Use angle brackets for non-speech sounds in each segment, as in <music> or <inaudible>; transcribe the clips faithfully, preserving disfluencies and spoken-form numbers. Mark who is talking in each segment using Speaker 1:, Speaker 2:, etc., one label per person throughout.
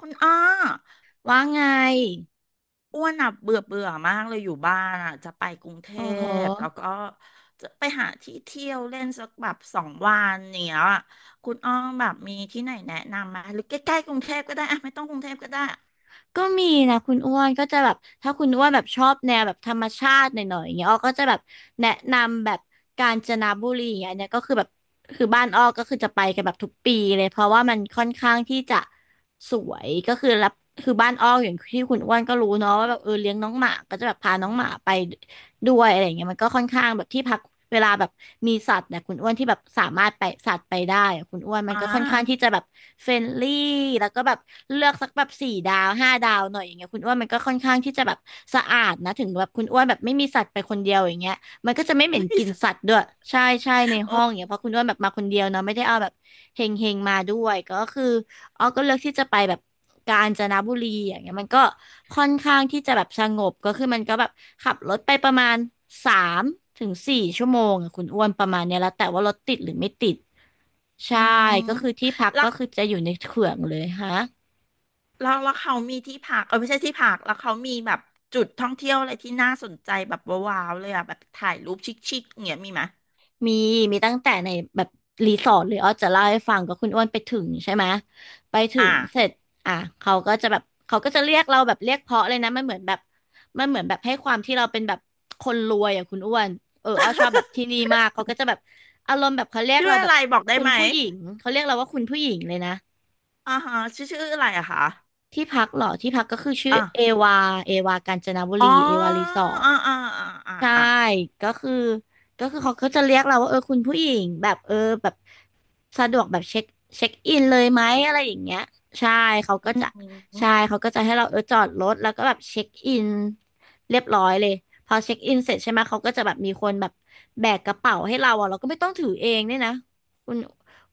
Speaker 1: คุณอ้อ
Speaker 2: ว่าไง
Speaker 1: อ้วนอ่ะเบื่อเบื่อมากเลยอยู่บ้านอ่ะจะไปกรุงเท
Speaker 2: โอ้โห
Speaker 1: พแล้วก็จะไปหาที่เที่ยวเล่นสักแบบสองวันเนี้ยคุณอ้อแบบมีที่ไหนแนะนำไหมหรือใกล้ๆกรุงเทพก็ได้อ่ะไม่ต้องกรุงเทพก็ได้
Speaker 2: ก็มีนะคุณอ้วนก็จะแบบถ้าคุณอ้วนแบบชอบแนวแบบธรรมชาติหน่อยๆอย่างเงี้ยอ้อก็จะแบบแนะนำแบบกาญจนบุรีอย่างเงี้ยอันเนี้ยก็คือแบบคือบ้านอ้อก็คือจะไปกันแบบทุกปีเลยเพราะว่ามันค่อนข้างที่จะสวยก็คือรับคือบ้านอ้ออย่างที่คุณอ้วนก็รู้เนาะว่าแบบเออเลี้ยงน้องหมาก็จะแบบพาน้องหมาไป ด้วยอะไรอย่างเงี้ยมันก็ค่อนข้างแบบที่พักเวลาแบบมีสัตว์เนี่ยคุณอ้วนที่แบบสามารถไปสัตว์ไปได้อะคุณอ้วนมัน
Speaker 1: อ่า
Speaker 2: ก็ค่อนข้างที่จะแบบเฟรนลี่แล้วก็แบบเลือกสักแบบสี่ดาวห้าดาวหน่อยอย่างเงี้ยคุณอ้วนมันก็ค่อนข้างที่จะแบบสะอาดนะถึงแบบคุณอ้วนแบบไม่มีสัตว์ไปคนเดียวอย่างเงี้ยมันก็จะไม่
Speaker 1: <laughs>
Speaker 2: เหม็นก
Speaker 1: ไม่
Speaker 2: ลิ่น
Speaker 1: ส
Speaker 2: สัตว์ด้วยใช่ใช่ใน
Speaker 1: โอ
Speaker 2: ห้องอย่าง
Speaker 1: ้
Speaker 2: เงี้ยเพราะคุณอ้วนแบบมาคนเดียวเนาะไม่ได้เอาแบบเฮงเฮงมาด้วยก็คือ อ้อก็เลือกที่จะไปแบบกาญจนบุรีอย่างเงี้ยมันก็ค่อนข้างที่จะแบบสงบก็คือมันก็แบบขับรถไปประมาณสามถึงสี่ชั่วโมงอะคุณอ้วนประมาณเนี้ยแล้วแต่ว่ารถติดหรือไม่ติดใช่
Speaker 1: อื
Speaker 2: ก็
Speaker 1: ม
Speaker 2: คือที่พัก
Speaker 1: แล้
Speaker 2: ก็
Speaker 1: ว
Speaker 2: คือจะอยู่ในเขื่องเลยฮะ
Speaker 1: แล้วแล้วเขามีที่พักเออไม่ใช่ที่พักแล้วเขามีแบบจุดท่องเที่ยวอะไรที่น่าสนใจแบบว้าวๆเลยอ่ะแบบถ่ายรูปชิคๆเงี้ยมีไหม
Speaker 2: มีมีตั้งแต่ในแบบรีสอร์ทเลยอ้อจะเล่าให้ฟังก็คุณอ้วนไปถึงใช่ไหมไปถึ
Speaker 1: อ่า
Speaker 2: งเสร็จอ่ะเขาก็จะแบบเขาก็จะเรียกเราแบบเรียกเพราะเลยนะมันเหมือนแบบมันเหมือนแบบให้ความที่เราเป็นแบบคนรวยอ่ะคุณอ้วนเอออ้อชอบแบบที่นี่มากเขาก็จะแบบอารมณ์แบบเขาเรียก
Speaker 1: ชื่อ
Speaker 2: เราแบ
Speaker 1: อะ
Speaker 2: บ
Speaker 1: ไรบอกได้
Speaker 2: คุณ
Speaker 1: ไหม
Speaker 2: ผู้หญิงเขาเรียกเราว่าคุณผู้หญิงเลยนะ
Speaker 1: อ่าฮะชื่อชื่ออะไรอะคะ
Speaker 2: ที่พักเหรอที่พักก็คือชื่อ
Speaker 1: อ่ะ
Speaker 2: เอวาเอวากาญจนบุ
Speaker 1: อ๋อ
Speaker 2: รีเอวารีสอร์ท
Speaker 1: อ่าอ่าอ่าอ่า
Speaker 2: ใช่
Speaker 1: อ่า
Speaker 2: ก็คือก็คือเขาก็จะเรียกเราว่าเออคุณผู้หญิงแบบเออแบบสะดวกแบบเช็คเช็คอินเลยไหมอะไรอย่างเงี้ย ใช่ เขา
Speaker 1: อื
Speaker 2: ก็จะ ใช่
Speaker 1: ม
Speaker 2: เขาก็จะให้เราเออจอดรถแล้วก็แบบเช็คอินเรียบร้อยเลย พอเช็คอินเสร็จใช่ไหมเขาก็จะแบบมีคนแบบแบกกระเป๋าให้เราอ่ะเราก็ไม่ต้องถือเองเนี่ยนะคุณ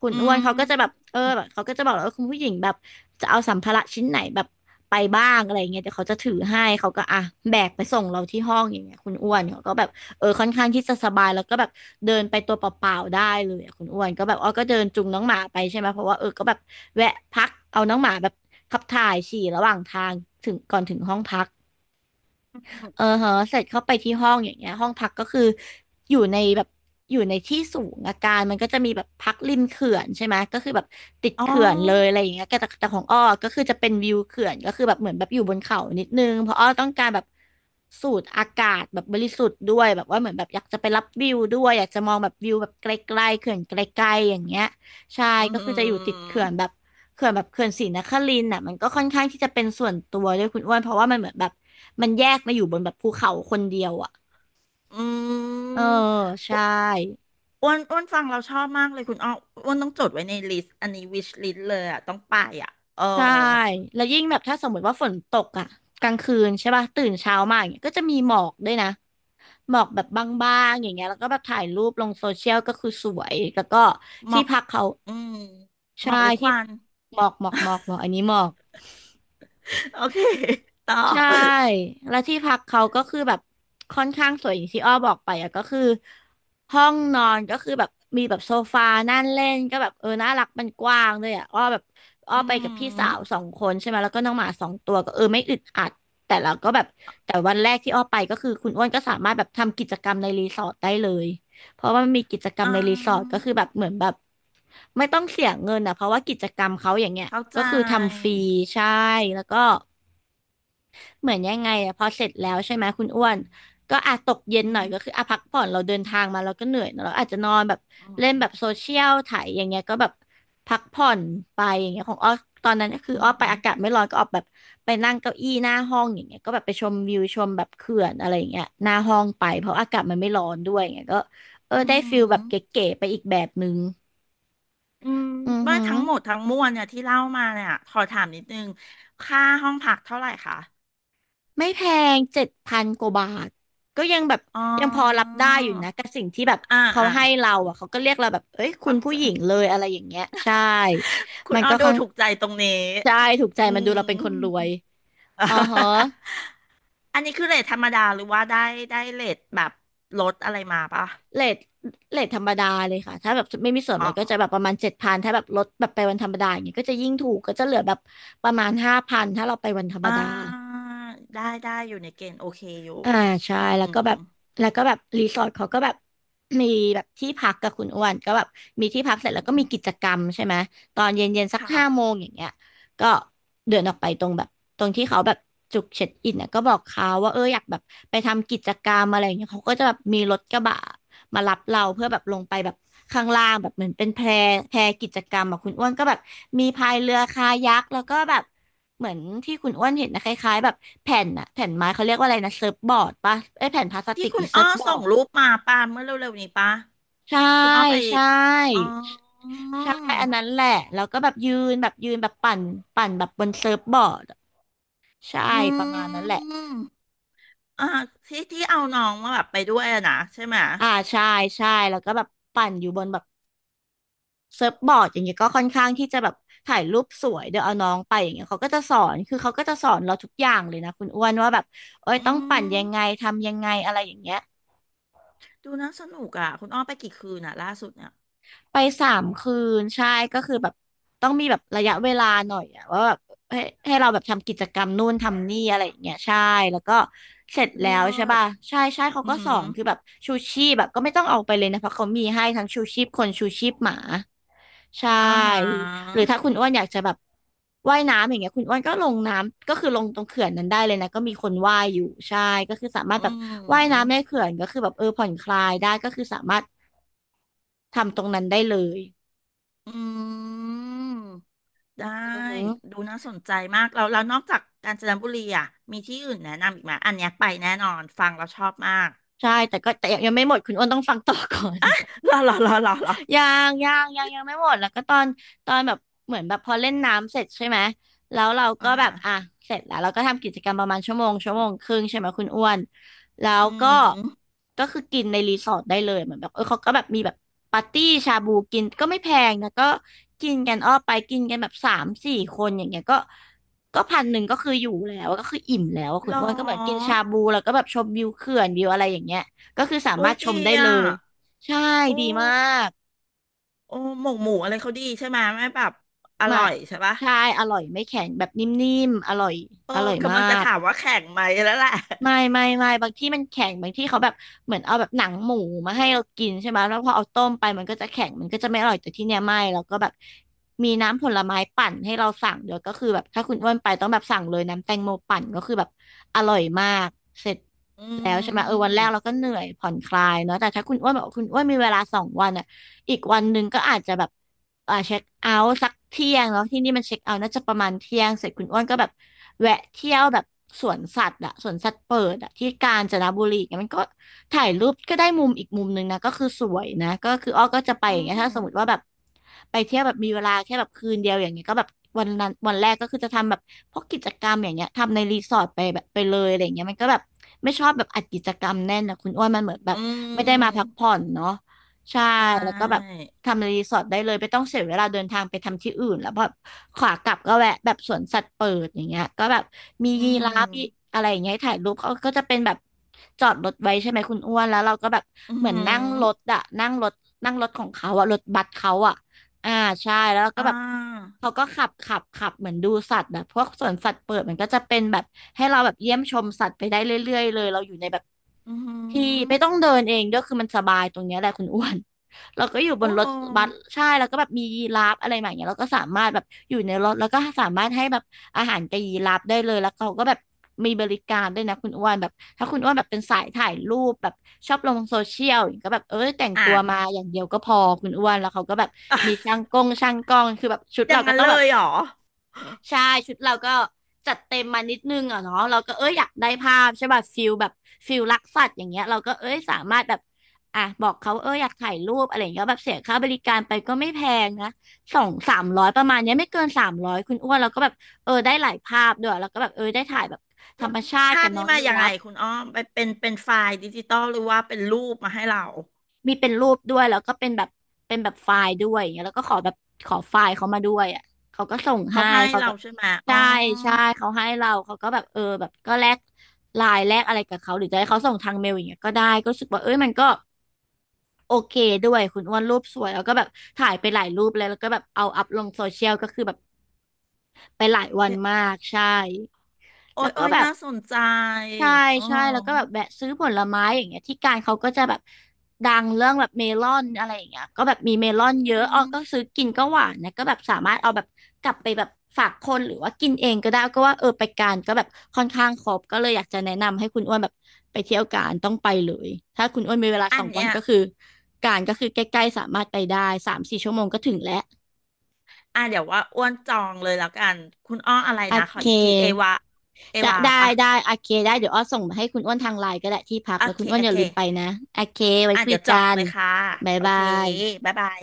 Speaker 2: คุณ
Speaker 1: อื
Speaker 2: อ้วน
Speaker 1: ม
Speaker 2: เขาก็จะแบบเออแบบเขาก็จะบอกแล้วว่าคุณผู้หญิงแบบจะเอาสัมภาระชิ้นไหนแบบไปบ้างอะไรอย่างเงี้ยเดี๋ยวเขาจะถือให้เขาก็อ่ะแบกไปส่งเราที่ห้องอย่างเงี้ยคุณอ้วนเขาก็แบบเออค่อนข้างที่จะสบายแล้วก็แบบเดินไปตัวเปล่าๆได้เลยอะคุณอ้วนก็แบบอ้อก็เดินจูงน้องหมาไปใช่ไหม เพราะว่าเออก็แบบแวะพักเอาน้องหมาแบบขับถ่ายฉี่ระหว่างทางถึงก่อนถึงห้องพัก เออเหอะเสร็จเข้าไปที่ห้องอย่างเงี้ยห้องพักก็คืออยู่ในแบบอยู่ในที่สูงอาการมันก็จะมีแบบพักริมเขื่อนใช่ไหมก็คือแบบติด
Speaker 1: อ๋อ
Speaker 2: เขื่อนเลยอะไรอย่างเงี้ยแต่แต่ของอ้อก็คือจะเป็นวิวเขื่อนก็คือแบบเหมือนแบบอยู่บนเขานิดนึงเพราะอ้อต้องการแบบสูดอากาศแบบบริสุทธิ์ด้วยแบบว่าเหมือนแบบอยากจะไปรับวิวด้วยอยากจะมองแบบวิวแบบไกลๆเขื่อนไกลๆอย่างเงี้ย ใช่
Speaker 1: อื
Speaker 2: ก็คือจะอยู่ติด
Speaker 1: ม
Speaker 2: เขื่อนแบบเขื่อนแบบเขื่อนศรีนครินทร์น่ะมันก็ค่อนข้างที่จะเป็นส่วนตัวด้วยคุณอ้วนเพราะว่ามันเหมือนแบบมันแยกมาอยู่บนแบบภูเขาคนเดียวอ่ะ
Speaker 1: อื
Speaker 2: เออ
Speaker 1: มอ้
Speaker 2: ใช่
Speaker 1: วนอ้วนอ้วนฟังเราชอบมากเลยคุณอ้ออ้วนต้องจดไว้ในลิสต์อันนี้วิชลิสต์เลยอ่ะต้องไปอ่ะเออ
Speaker 2: ใช่แล้วยิ่งแบบถ้าสมมติว่าฝนตกอ่ะกลางคืนใช่ป่ะตื่นเช้ามาอย่างเงี้ยก็จะมีหมอกด้วยนะหมอกแบบบางๆอย่างเงี้ยแล้วก็แบบถ่ายรูปลงโซเชียลก็คือสวยแล้วก็
Speaker 1: หม
Speaker 2: ที่
Speaker 1: อก
Speaker 2: พักเขา
Speaker 1: อืมหม
Speaker 2: ใช่
Speaker 1: อกหรือค
Speaker 2: ที่
Speaker 1: วัน
Speaker 2: หมอกหมอกหมอกหมอกอันนี้หมอก
Speaker 1: <laughs> โอเคต่อ
Speaker 2: ใช่แล้วที่พักเขาก็คือแบบค่อนข้างสวยอย่างที่อ้อบอกไปอ่ะก็คือห้องนอนก็คือแบบมีแบบโซฟานั่งเล่นก็แบบเออน่ารักมันกว้างด้วยอะอ้อแบบอ้อ
Speaker 1: อื
Speaker 2: ไปกับพี่สาว
Speaker 1: ม
Speaker 2: สองคนใช่ไหมแล้วก็น้องหมาสองตัวก็เออไม่อึดอัดแต่เราก็แบบแต่วันแรกที่อ้อไปก็คือคุณอ้วนก็สามารถแบบทำกิจกรรมในรีสอร์ทได้เลยเพราะว่ามันมีกิจกรรม
Speaker 1: อ่
Speaker 2: ในรีสอร์ท
Speaker 1: า
Speaker 2: ก็คือแบบเหมือนแบบไม่ต้องเสียเงินอ่ะเพราะว่ากิจกรรมเขาอย่างเงี้ย
Speaker 1: เข้าใจ
Speaker 2: ก็คือทำฟรีใช่แล้วก็ เหมือนยังไงอะพอเสร็จแล้วใช่ไหมคุณอ้วนก็อาจตกเย็
Speaker 1: อื
Speaker 2: นหน่อยก็คือ
Speaker 1: ม
Speaker 2: อาพักผ่อนเราเดินทางมาเราก็เหนื่อยเนอะเราอาจจะนอนแบบเล่น
Speaker 1: อื
Speaker 2: แบ
Speaker 1: ม
Speaker 2: บโซเชียลถ่ายอย่างเงี้ยก็แบบพักผ่อนไปอย่างเงี้ยของอ้อตอนนั้นก็คือ
Speaker 1: อื
Speaker 2: อ้อไปอากาศ
Speaker 1: ม
Speaker 2: ไม่ร้อนก็ออกแบบไปนั่งเก้าอี้หน้าห้องอย่างเงี้ยก็แบบไปชมวิวชมแบบเขื่อนอะไรอย่างเงี้ยหน้าห้องไปเพราะอากาศมันไม่ร้อนด้วยอย่างเงี้ยก็เออ
Speaker 1: อื
Speaker 2: ได้ฟิลแบบ
Speaker 1: ม
Speaker 2: เก๋ๆไปอีกแบบนึง
Speaker 1: อืม
Speaker 2: อือ
Speaker 1: ว่า
Speaker 2: หือ
Speaker 1: ทั้งหมดทั้งมวลเนี่ยที่เล่ามาเนี่ยขอถามนิดนึงค่าห้องพักเท่าไหร่คะ
Speaker 2: ไม่แพงเจ็ดพันกว่าบาทก็ยังแบบ
Speaker 1: อ๋อ
Speaker 2: ยังพอรับได้อยู่นะกับสิ่งที่แบบ
Speaker 1: อ่า
Speaker 2: เขา
Speaker 1: อ่า
Speaker 2: ให้เราอ่ะเขาก็เรียกเราแบบเอ้ยคุณ
Speaker 1: เข้า
Speaker 2: ผู้
Speaker 1: ใจ
Speaker 2: หญิงเลยอะไรอย่างเงี้ยใช่
Speaker 1: คุณ
Speaker 2: มัน
Speaker 1: อ้อ
Speaker 2: ก็
Speaker 1: ดู
Speaker 2: ค่อน
Speaker 1: ถูกใจตรงนี้
Speaker 2: ใช่ถูกใจ
Speaker 1: อื
Speaker 2: มันดูเรา
Speaker 1: ม
Speaker 2: เป็นคนรวย
Speaker 1: <laughs>
Speaker 2: อ๋อฮะ
Speaker 1: อันนี้คือเรทธรรมดาหรือว่าได้ได้เรทแบบลดอะไรมาปะ
Speaker 2: เรทเรทธรรมดาเลยค่ะถ้าแบบไม่มีส่วน
Speaker 1: อ๋
Speaker 2: ล
Speaker 1: อ
Speaker 2: ดก็จะแบบประมาณเจ็ดพันถ้าแบบลดแบบไปวันธรรมดาอย่างเงี้ยก็จะยิ่งถูกก็จะเหลือแบบประมาณห้าพันถ้าเราไปวันธรรม
Speaker 1: อ่
Speaker 2: ดา
Speaker 1: าได้ได้อยู่ในเกณฑ์โอเคอยู่
Speaker 2: อ่าใช่
Speaker 1: อื
Speaker 2: แล้ว
Speaker 1: ม
Speaker 2: ก็แบบแล้วก็แบบรีสอร์ทเขาก็แบบมีแบบที่พักกับคุณอ้วนก็แบบมีที่พักเสร็จแล้วก็มีกิจกรรมใช่ไหมตอนเย็นเย็นสักห้าโม
Speaker 1: ค่ะ
Speaker 2: งอย่างเงี้ยก็เดินออกไปตรงแบบตรงที่เขาแบบจุดเช็คอินเนี่ยก็บอกเขาว่าเอออยากแบบไปทำกิจกรรมอะไรอย่างเงี้ยเขาก็จะแบบมีรถกระบะ มารับเราเพื่อแบบลงไปแบบข้างล่างแบบเหมือนเป็นแพแพกิจกรรมอะคุณอ้วนก็แบบมีพายเรือคายักแล้วก็แบบเหมือนที่คุณอ้วนเห็นนะคล้ายๆแบบแผ่นอะแผ่นไม้เขาเรียกว่าอะไรนะเซิร์ฟบอร์ดปะเอ้ยแผ่นพลาส
Speaker 1: ที่
Speaker 2: ติก
Speaker 1: คุ
Speaker 2: หรื
Speaker 1: ณ
Speaker 2: อเซิ
Speaker 1: อ้อ
Speaker 2: ร์ฟบอ
Speaker 1: ส่
Speaker 2: ร์
Speaker 1: ง
Speaker 2: ด
Speaker 1: รูปมาป่ะเมื่อเร็วๆนี้ป่ะ
Speaker 2: ใช่
Speaker 1: คุณอ้อไป
Speaker 2: ใช
Speaker 1: อ๋อ
Speaker 2: ่ใช่อันนั้นแหละแล้วก็แบบยืนแบบยืนแบบปั่นปั่นแบบบนเซิร์ฟบอร์ดใช่
Speaker 1: อื
Speaker 2: ประมาณนั้นแหละ
Speaker 1: มอ่าที่ที่เอาน้องมาแบบไปด้วยอะนะใช่ไหม
Speaker 2: อ่าใช่ใช่แล้วก็แบบปั่นอยู่บนแบบ เซิร์ฟบอร์ดอย่างเงี้ยก็ค่อนข้างที่จะแบบถ่ายรูปสวยเดี๋ยวเอาน้องไปอย่างเงี้ยเขาก็จะสอนคือเขาก็จะสอนเราทุกอย่างเลยนะคุณอ้วนว่าแบบเอ้ย
Speaker 1: อื
Speaker 2: ต้องปั่น
Speaker 1: ม
Speaker 2: ยังไงทำยังไงอะไรอย่างเงี้ย
Speaker 1: ดูน่าสนุกอ่ะคุณอ้อไปกี่คืนอ่ะล่าสุดเนี่ย
Speaker 2: ไปสามคืนใช่ก็คือแบบต้องมีแบบระยะเวลาหน่อยอะว่าแบบให้ให้เราแบบทำกิจกรรมนู่นทำนี่อะไรอย่างเงี้ยใช่แล้วก็เสร็จแล้
Speaker 1: เล
Speaker 2: ว
Speaker 1: ิ
Speaker 2: ใช่
Speaker 1: ศ
Speaker 2: ป่ะใช่ใช่เขา
Speaker 1: อื
Speaker 2: ก็สอ
Speaker 1: ม
Speaker 2: นคือแบบชูชีพแบบก็ไม่ต้องเอาไปเลยนะเพราะเขามีให้ทั้งชูชีพคนชูชีพหมาใช
Speaker 1: อาหา
Speaker 2: ่หรือถ้า
Speaker 1: ร
Speaker 2: คุณอ้วนอยากจะแบบว่ายน้ำอย่างเงี้ยคุณอ้วนก็ลงน้ำก็คือลงตรงเขื่อนนั้นได้เลยนะก็มีคนว่ายอยู่ใช่ก็คือสามาร
Speaker 1: อื
Speaker 2: ถแบบว่าย
Speaker 1: ม
Speaker 2: น้ำในเขื่อนก็คือแบบเออผ่อนคลายได้ก็คือสามารถทำตรงนั้นได้เลย
Speaker 1: อืมได้
Speaker 2: อืม
Speaker 1: ดูน่าสนใจมากแล้วแล้วนอกจากกาญจนบุรีอ่ะมีที่อื่นแนะนำอีกไหมอันเนี้ยไปแน่นอนฟังเราชอบมาก
Speaker 2: ใช่แต่ก็แต่ยังไม่หมดคุณอ้วนต้องฟังต่อก่อน
Speaker 1: หรอหรอหรอหรอหรอ
Speaker 2: ยังยังยังยังไม่หมดแล้วก็ตอนตอนแบบเหมือนแบบพอเล่นน้ำเสร็จใช่ไหมแล้วเราก็
Speaker 1: อ่า
Speaker 2: แบ
Speaker 1: ฮะ
Speaker 2: บอ่ะเสร็จแล้วเราก็ทำกิจกรรมประมาณชั่วโมงชั่วโมงครึ่งใช่ไหมคุณอ้วนแล้ว
Speaker 1: อื
Speaker 2: ก็
Speaker 1: ม
Speaker 2: ก็คือกินในรีสอร์ทได้เลยเหมือนแบบเออเขาก็แบบมีแบบปาร์ตี้ชาบูกินก็ไม่แพงนะก็กินกันอ้อไปกินกันแบบสามสี่คนอย่างเงี้ยก็ก็พันหนึ่งก็คืออยู่แล้วก็คืออิ่มแล้วอะ
Speaker 1: ห
Speaker 2: คุ
Speaker 1: ร
Speaker 2: ณ
Speaker 1: อ
Speaker 2: อ้วนก็เหมือนกินชาบูแล้วก็แบบชมวิวเขื่อนวิวอะไรอย่างเงี้ยก็คือสา
Speaker 1: โอ้
Speaker 2: มาร
Speaker 1: ย
Speaker 2: ถช
Speaker 1: ดี
Speaker 2: มได้เล
Speaker 1: อ่ะ
Speaker 2: ยใช่
Speaker 1: โอ
Speaker 2: ดีมา
Speaker 1: ้
Speaker 2: ก
Speaker 1: โอ้หมกหมูอะไรเขาดีใช่ไหมยไม่แบบอ
Speaker 2: ไม่
Speaker 1: ร่อยใช่ปะ
Speaker 2: ใช่อร่อยไม่แข็งแบบนิ่มๆอร่อย
Speaker 1: เออ
Speaker 2: อร่อย
Speaker 1: กำ
Speaker 2: มา
Speaker 1: ลังจะ
Speaker 2: ก
Speaker 1: ถามว่าแข่งไหมแล้วแหละ
Speaker 2: ไม่ไม่ไม่บางที่มันแข็งบางที่เขาแบบเหมือนเอาแบบหนังหมูมาให้เรากินใช่ไหมแล้วพอเอาต้มไปมันก็จะแข็งมันก็จะไม่อร่อยแต่ที่เนี้ยไม่แล้วก็แบบมีน้ำผลไม้ปั่นให้เราสั่งเดี๋ยวก็คือแบบถ้าคุณอ้วนไปต้องแบบสั่งเลยน้ำแตงโมปั่นก็คือแบบอร่อยมากเสร็จ
Speaker 1: <laughs> อื
Speaker 2: แล้วใช่ไหมเออวันแรกเรา
Speaker 1: ม
Speaker 2: ก็เหนื่อยผ่อนคลายเนาะแต่ถ้าคุณอ้วนบอกว่าคุณอ้วนมีเวลาสองวันอะ อีกวันหนึ่งก็อาจจะแบบอ่าเช็คเอาท์สักเที่ยงเนาะที่นี่มันเช็คเอาท์น่าจะประมาณเที่ยงเสร็จคุณอ้วนก็แบบแวะเที่ยวแบบสวนสัตว์อะสวนสัตว์เปิดอะที่กาญจนบุรีเนี่ยมันก็ถ่ายรูปก็ได้มุมอีกมุมหนึ่งนะก็คือสวยนะก็คืออ้อก็จะไป
Speaker 1: อื
Speaker 2: อย่างเงี้ยถ้า
Speaker 1: ม
Speaker 2: สมมติว่าแบบไปเที่ยวแบบมีเวลาแค่แบบคืนเดียวอย่างเงี้ยก็แบบวันนั้นวันแรกก็คือจะทำแบบพวกกิจกรรมอย่างเงี้ยทำในรีสอร์ทไปแบบไปเลยอะไรอย่างเงี้ยมันก็แบบไม่ชอบแบบอัดกิจกรรมแน่นนะคุณอ้วนมันเหมือนแบ
Speaker 1: อื
Speaker 2: บไม่ได้มาพั
Speaker 1: ม
Speaker 2: กผ่อนเนาะ ใช่
Speaker 1: ใช่
Speaker 2: แล้วก็แบบทำรีสอร์ทได้เลยไม่ต้องเสียเวลาเดินทางไปทำที่อื่นแล้วแบบขวากลับก็แวะแบบสวนสัตว์เปิดอย่างเงี้ยก็แบบมี
Speaker 1: อื
Speaker 2: ยีราฟมี
Speaker 1: ม
Speaker 2: อะไรอย่างเงี้ยให้ถ่ายรูปเขาก็จะเป็นแบบจอดรถไว้ใช่ไหมคุณอ้วนแล้วเราก็แบบ
Speaker 1: อื
Speaker 2: เหมือนนั่งรถ
Speaker 1: ม
Speaker 2: อะนั่งรถนั่งรถของเขาอะรถบัสเขาอะอ่าใช่แล้วเราก็
Speaker 1: อ่า
Speaker 2: แบบเขาก็ขับขับขับเหมือนดูสัตว์แบบพวกสวนสัตว์เปิดมันก็จะเป็นแบบให้เราแบบเยี่ยมชมสัตว์ไปได้เรื่อยๆเลยเราอยู่ในแบบ
Speaker 1: อื
Speaker 2: ที่ไม่
Speaker 1: ม
Speaker 2: ต้องเดินเองด้วยคือมันสบายตรงเนี้ยแหละคุณอ้วน <laughs> เราก็อยู่บ
Speaker 1: โอ้
Speaker 2: นรถบัสใช่แล้วก็แบบมียีราฟอะไรแบบเนี้ยเราก็สามารถแบบอยู่ในรถแล้วก็สามารถให้แบบอาหารกับยีราฟได้เลยแล้วเขาก็แบบมีบริการด้วยนะคุณอ้วนแบบถ้าคุณอ้วนแบบเป็นสายถ่ายรูปแบบชอบลงโซเชียลอย่างเงี้ยก็แบบเออแต่ง
Speaker 1: อ่ะ
Speaker 2: ตัวมาอย่างเดียวก็พอคุณอ้วนแล้วเขาก็แบบมีช่าง
Speaker 1: <laughs>
Speaker 2: กล้องช่างกล้องคือแบบชุด
Speaker 1: อย่า
Speaker 2: เรา
Speaker 1: ง
Speaker 2: ก็
Speaker 1: นั้น
Speaker 2: ต้อ
Speaker 1: เล
Speaker 2: งแบบ
Speaker 1: ยเหรอ
Speaker 2: ใช่ชุดเราก็จัดเต็มมานิดนึงอ่ะเนาะเราก็เอ้ยอยากได้ภาพใช่ป่ะฟิลแบบฟิลรักสัตว์อย่างเงี้ยเราก็เอ้ยสามารถแบบอ่ะบอกเขาเอ้ยอยากถ่ายรูปอะไรอย่างเงี้ยแบบเสียค่าบริการไปก็ไม่แพงนะสองสามร้อยประมาณเนี้ยไม่เกินสามร้อยคุณอ้วนเราก็แบบเออได้หลายภาพด้วยแล้วก็แบบเออได้ถ่ายแบบธร
Speaker 1: แล้ว
Speaker 2: รมชาติ
Speaker 1: ภา
Speaker 2: กับ
Speaker 1: พ
Speaker 2: น้
Speaker 1: นี้
Speaker 2: อง
Speaker 1: มา
Speaker 2: ยี
Speaker 1: ยัง
Speaker 2: รา
Speaker 1: ไง
Speaker 2: ฟ
Speaker 1: คุณอ้อมไปเป็นเป็นไฟล์ดิจิตอลหรือว่าเป็นรูปมาให้เรา
Speaker 2: มีเป็นรูปด้วยแล้วก็เป็นแบบเป็นแบบไฟล์ด้วยอย่างเงี้ยแล้วก็ขอแบบขอไฟล์เขามาด้วยอ่ะเขาก็ส่ง
Speaker 1: เขา
Speaker 2: ให้
Speaker 1: ให้
Speaker 2: เขา
Speaker 1: เรา
Speaker 2: ก็
Speaker 1: ใช่ไหมอ๋
Speaker 2: ใช่
Speaker 1: อ
Speaker 2: ใช่เขาให้เราเขาก็แบบเออแบบก็แลกไลน์แลกอะไรกับเขาหรือจะให้เขาส่งทางเมลอย่างเงี้ยก็ได้ก็รู้สึกว่าเอ้ยมันก็โอเคด้วยคุณอ้วนรูปสวยแล้วก็แบบถ่ายไปหลายรูปเลยแล้วก็แบบเอาอัพลงโซเชียลก็คือแบบ ไปหลายวัน
Speaker 1: เดี๋ยว
Speaker 2: มากใช่
Speaker 1: โอ้
Speaker 2: แล้
Speaker 1: ย
Speaker 2: วก็
Speaker 1: โอ้ย
Speaker 2: แบบ
Speaker 1: น่าสนใจ
Speaker 2: ใช่
Speaker 1: อ๋อ
Speaker 2: ใช่แล้วก็แบบแวะซื้อผลไม้อย่างเงี้ยที่การเขาก็จะแบบดังเรื่องแบบเมลอนอะไรอย่างเงี้ยก็แบบมีเมลอนเย
Speaker 1: อื
Speaker 2: อะอ้อ
Speaker 1: ม
Speaker 2: ก็ซื้อกินก็หวานนะก็แบบสามารถเอาแบบกลับไปแบบฝากคนหรือว่ากินเองก็ได้ก็ว่าเออไปการก็แบบค่อนข้างครบก็เลยอยากจะแนะนำให้คุณอ้วนแบบไปเที่ยวการต้องไปเลยถ้าคุณอ้วนมีเวลาส
Speaker 1: อัน
Speaker 2: องวัน
Speaker 1: เนี้ย
Speaker 2: ก็คือการก็คือใกล้ๆสามารถไปได้สามสี่ชั่วโมงก็ถึงแล้ว
Speaker 1: อ่ะเดี๋ยวว่าอ้วนจองเลยแล้วกันคุณอ้ออะไร
Speaker 2: โอ
Speaker 1: นะขอ
Speaker 2: เค
Speaker 1: อีกทีเอวาเอ
Speaker 2: จะ
Speaker 1: วา
Speaker 2: ได้
Speaker 1: ปะ
Speaker 2: ได้โอเคได้เดี๋ยวอ้อส่งมาให้คุณอ้วนทางไลน์ก็ได้ที่พัก
Speaker 1: โอ
Speaker 2: แล้ว
Speaker 1: เค
Speaker 2: คุณอ้วน
Speaker 1: โอ
Speaker 2: อย่า
Speaker 1: เค
Speaker 2: ลืมไปนะโอเคไว้
Speaker 1: อ่ะ
Speaker 2: คุ
Speaker 1: เดี๋
Speaker 2: ย
Speaker 1: ยวจอ
Speaker 2: กั
Speaker 1: ง
Speaker 2: น
Speaker 1: เลยค่ะ
Speaker 2: บ๊าย
Speaker 1: โอ
Speaker 2: บา
Speaker 1: เค
Speaker 2: ย
Speaker 1: บ๊ายบาย